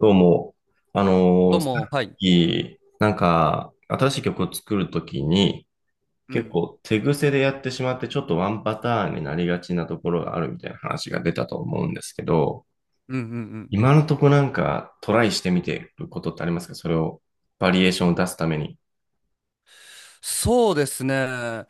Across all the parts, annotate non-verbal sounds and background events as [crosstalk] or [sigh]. どうも、あのどうーさっも、はい。き、新しい曲を作るときに、う結ん。構手癖でやってしまって、ちょっとワンパターンになりがちなところがあるみたいな話が出たと思うんですけど、うんうんうん。今のとこなんかトライしてみてることってありますかそれを、バリエーションを出すために。そうですね。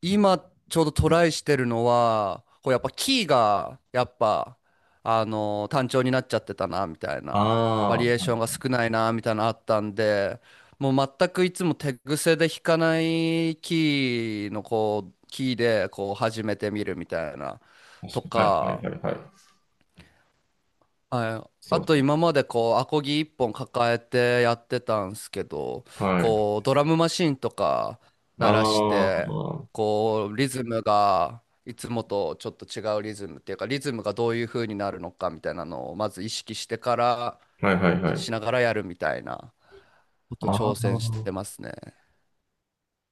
今、ちょうどトライしてるのは、こうやっぱキーが、やっぱ、単調になっちゃってたな、みたいな。バああ、リエーはションがい。少ないな、みたいなのあったんで、もう全くいつも手癖で弾かないキーの、こう、キーで、こう、始めてみるみたいな、と確かに。はい、か、はい、はい、はい。はい。そあとう。今までこうアコギ一本抱えてやってたんすけど、はい。こうドラムマシンとかあ鳴らしあ、て、はこうリズムがいつもとちょっと違うリズムっていうか、リズムがどういう風になるのかみたいなのをまず意識してからい、はい、はしない。がらやるみたいなことあ挑戦してあ。ますね。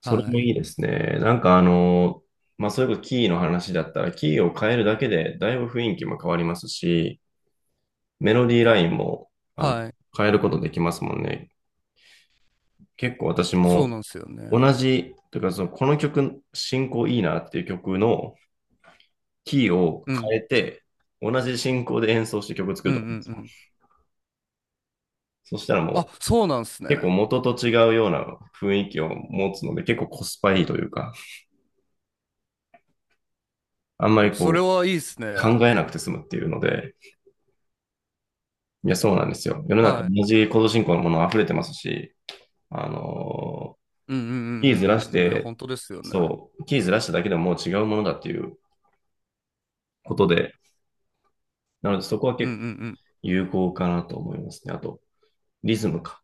それはもいいい。ですね。まあ、そういうことキーの話だったら、キーを変えるだけで、だいぶ雰囲気も変わりますし、メロディーラインも、あの、はい。変えることできますもんね。結構私そうもなんですよ同ね。じ、というか、その、この曲、進行いいなっていう曲のキーをう変ん。えて、同じ進行で演奏して曲作うるんうとかでんすうよ。ん。そしたらあ、もう、そうなんす結構ね。元と違うような雰囲気を持つので、結構コスパいいというか、あんまりそれこはいいっすう、考ね。えなくて済むっていうので、いや、そうなんですよ。世の中はい。同じコード進行のもの溢れてますし、あのーうんうんうキーずらんしうんうんうん。いや、て、本当ですよね。そう、キーずらしただけでももう違うものだっていうことで、なのでそこはうんう結構ん有効かなと思いますね。あと、リズムか。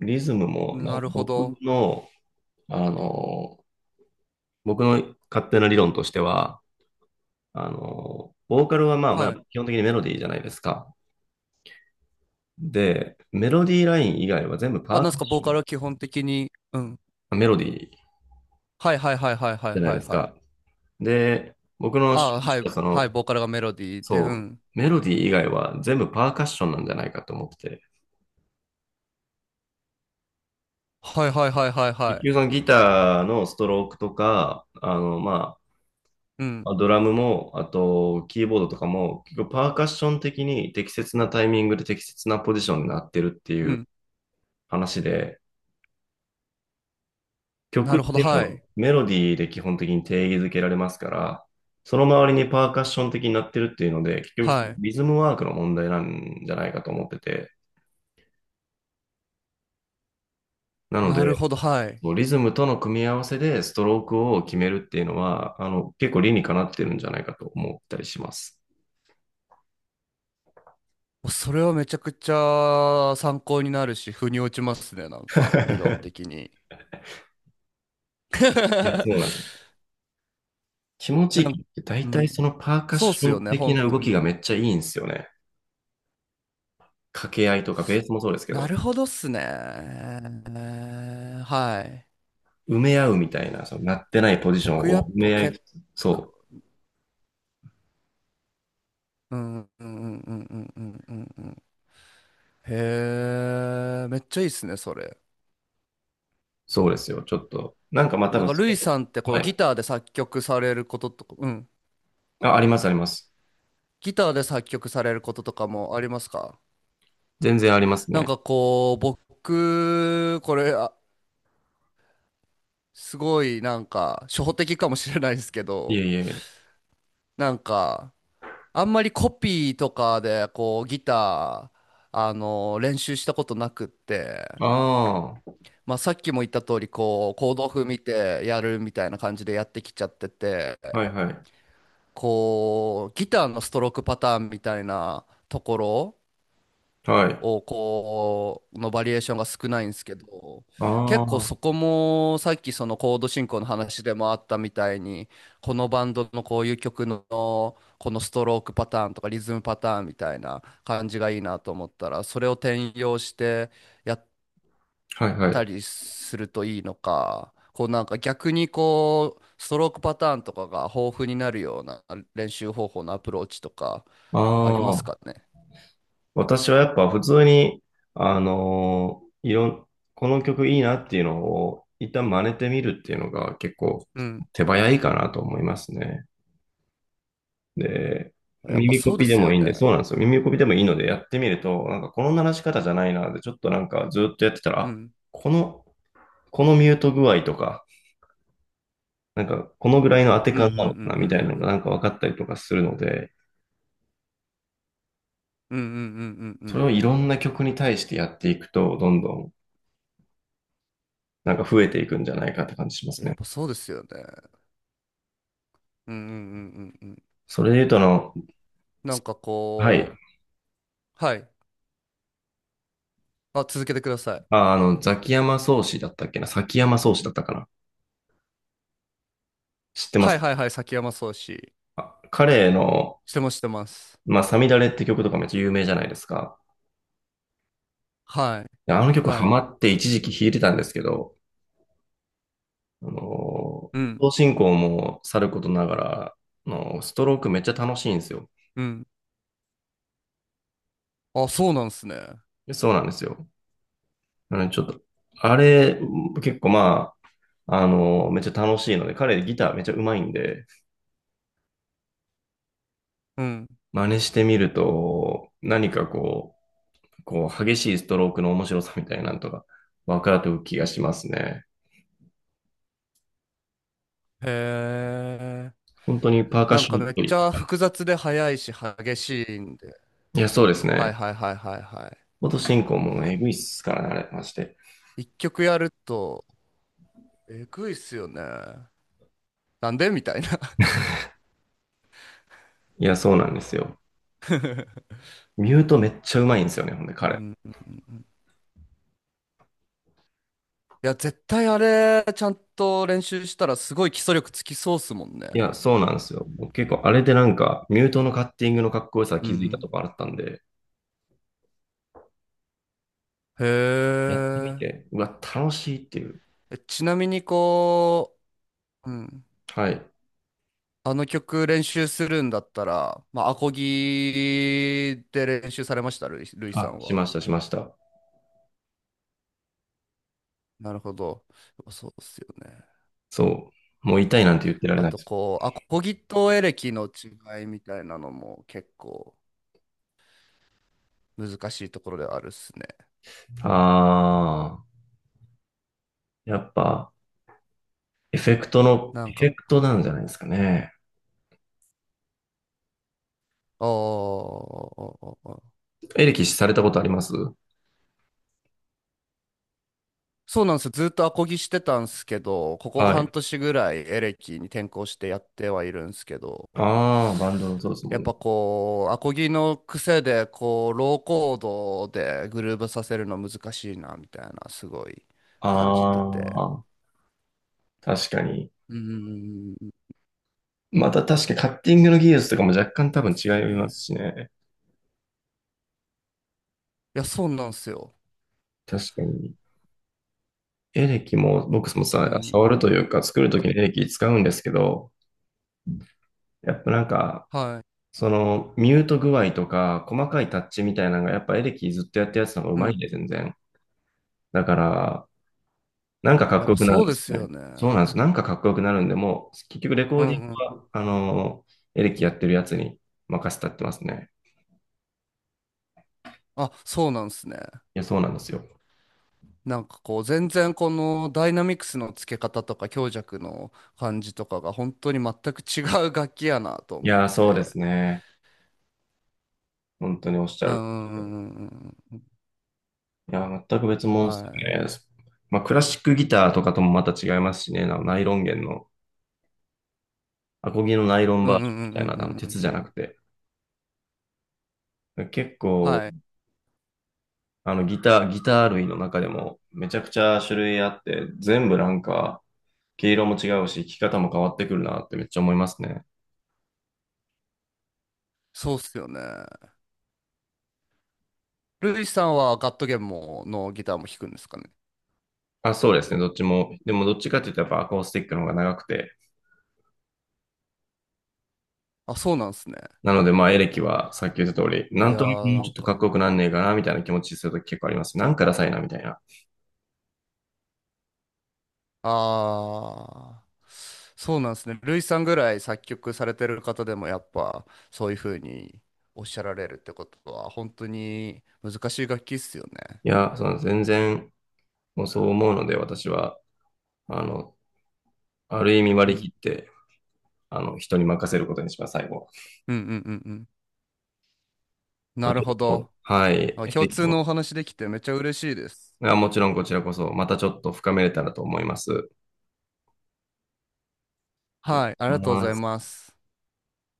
リズムうも、ん。なんなかるほ僕ど。の、あのー僕の勝手な理論としては、ボーカルはまあまあはい。基本的にメロディーじゃないですか。で、メロディーライン以外は全部あ、パーなんカッすか、ボーシカョルは基本的に、うん。ン、メロディーはいはいはいはいはいじゃないはでいすはい。か。で、僕の趣あ、味とはしい、たそはい、のボーカルがメロディーで、うそう、ん。メロディー以外は全部パーカッションなんじゃないかと思ってて。はいはいはいはいは結い。局そのギターのストロークとか、まうん。あ、ドラムも、あと、キーボードとかも、結局パーカッション的に適切なタイミングで適切なポジションになってるってういうん。話で、な曲っるほど、ていうはのはい。メロディーで基本的に定義づけられますから、その周りにパーカッション的になってるっていうので、結局そはのい。リズムワークの問題なんじゃないかと思ってて、なのなるほで、ど、はい。リズムとの組み合わせでストロークを決めるっていうのは、結構理にかなってるんじゃないかと思ったりします。それはめちゃくちゃ参考になるし、腑に落ちますね、なんか、理論的 [laughs] に。いや、そうなんですよ。[laughs] 気持ちないんかいって大う体そん。のパーカッそうっショすよンね、的本な動当きがに。めっちゃいいんですよね。掛け合いとかベースもそうですけなど、るほどっすね。はい。埋め合うみたいな、そのなってないポジション僕やをっ埋ぱめ合いつ結つ、そ構、う、うんうんうんうんうんうんうんうん。へえ、めっちゃいいっすね、それ。そうですよ。ちょっと、なんかまあ多なん分か、そルイれ、さんってこはう、ギい。ターで作曲されることとか、うん。あ、あります、あります。ギターで作曲されることとかもありますか。全然ありますなんね。かこう、僕、これ、あ、すごいなんか、初歩的かもしれないですけいど、えいえ。なんか、あんまりコピーとかでこうギター練習したことなくって、あまあ、さっきも言った通りこうコード譜見てやるみたいな感じでやってきちゃっててあ、はいはい。こうギターのストロークパターンみたいなところはい。をこうのバリエーションが少ないんですけど、あ結あ、構はそこもさっきそのコード進行の話でもあったみたいに、このバンドのこういう曲のこのストロークパターンとかリズムパターンみたいな感じがいいなと思ったらそれを転用してやっいはたい。りするといいのか、こうなんか逆にこうストロークパターンとかが豊富になるような練習方法のアプローチとかあありますかあ。ね。私はやっぱ普通に、あのーいろん、この曲いいなっていうのを一旦真似てみるっていうのが結構うん、手早いかなと思いますね。で、やっぱ耳そコうでピですもよいいんで、ね。そうなんですよ。耳コピでもいいのでやってみると、なんかこの鳴らし方じゃないなで、ちょっとなんかずっとやってたら、うあ、んこの、このミュート具合とか、なんかこのぐらいの当てうんうん感なのかなみたいなのうがんなんか分かったりとかするので、うんうんうんうんうんうんうんそれうをいろんな曲に対してやっていくと、どんどんなんか増えていくんじゃないかって感じしまん、すやっね。ぱそうですよね。うんうんうんうんうん。それで言うと、なんかはい。こう、はい。あ、続けてください。あ、ザキヤマ宗師だったっけな崎山宗師だったかな知ってまはいすはいはい、崎山壮志。あ彼の、してますしてます。まあ、サミダレって曲とかめっちゃ有名じゃないですか。はい。であの曲ハはい。マって一時期弾いてたんですけど、あの、うん。同進行もさることながら、ストロークめっちゃ楽しいんですよ。うん。あ、そうなんすね。でそうなんですよ。ちょっと、あれ、結構まあ、めっちゃ楽しいので、彼ギターめっちゃ上手いんで、うん。真似してみると、何かこう、こう、激しいストロークの面白さみたいなのとか、分かると気がしますね。へえ。本当にパーカッなんシかョンっめっぽちい。ゃ複雑で速いし激しいんで。いや、そうですはね。いはいはいはいは元進行もエグいっすからね、あれ、まして。い。一曲やると、えぐいっすよね。なんでみたいな。いや、そうなんですよ。ミュートめっちゃうまいんですよね、ほんで、[laughs] う彼。ん、いや、絶対あれ、ちゃんと練習したらすごい基礎力つきそうっすもんね。いや、そうなんですよ。僕結構、あれでなんか、ミュートのカッティングのかっこよさう気づいたとん。こあったんで、へやってみえ。て、うわ、楽しいっていう。えちなみにこう、うん。はい。あの曲練習するんだったら、まあ、アコギで練習されました、ルイ、ルイさあ、んしは。ました、しました。なるほど。そうっすよね。そう。もう痛いなんて言ってられあないとです。こう、アコギとエレキの違いみたいなのも結構難しいところではあるっすね。あやっぱ、なエんフか、ェクトうなんじゃん。ないですかね。ああ、エレキされたことありますそうなんですよ。ずっとアコギしてたんですけど、ここは半い。年ぐらいエレキに転向してやってはいるんですけど、ああ、バンドのそうですもやっんね。ぱこう、アコギの癖で、こう、ローコードでグルーヴさせるの難しいな、みたいな、すごいあ感じてて。あ、確かに。うん、また確かにカッティングの技術とかも若干な多んで分す違よいまね。すしね。いや、そうなんですよ。確かに。エレキも僕もうさ、触ん。るというか作るときにエレキ使うんですけど、やっぱなんか、はそのミュート具合とか細かいタッチみたいなのがやっぱエレキずっとやってるやつの方がうい。うまいんん。で全然。だから、なんかかっやっこよぱくなるんそうでですすよよね。ね。そうなんです。なんかかっこよくなるんで、もう、結局レコうーディングんうん。は、エレキやってるやつに任せたってますね。あ、そうなんですね。いや、そうなんですよ。なんかこう全然このダイナミクスの付け方とか強弱の感じとかが本当に全く違う楽器やなとい思っやー、そうでて。すね。本当におっしゃうる。んうんうんうんいやー、全く別うん。物はでい。すね。まあ、クラシックギターとかともまた違いますしね。あのナイロン弦の、アコギのナイロンうんバーうジョンんうみんたういんうな、んう鉄んじうゃなん。くて。結構、はい。ギター類の中でもめちゃくちゃ種類あって、全部なんか、毛色も違うし、弾き方も変わってくるなってめっちゃ思いますね。そうっすよね。ルイさんはガットゲームのギターも弾くんですかね。あ、そうですね、どっちも。でもどっちかって言ったらやっぱアコースティックの方が長くて、あ、そうなんですね。なのでまあエレキはさっき言った通り、ないんやとなくーもなうんちょっとかっか、こよくなんねえかなみたいな気持ちするとき結構あります。なんかダサいなみたいな。ああ、そうなんですね。ルイさんぐらい作曲されてる方でもやっぱそういうふうにおっしゃられるってことは本当に難しい楽器っすよね。いや、その全然もうそう思うので私は、あの、ある意味う割り切ん、って、人に任せることにします、最後は。うんうんうんうん。まなあ、るちょほっと、ど。はい、あ、エ共レキ通のおも話できてめっちゃ嬉しいです。がもちろんこちらこそまたちょっと深めれたらと思います。とはい、ありが思いとうござまいすます。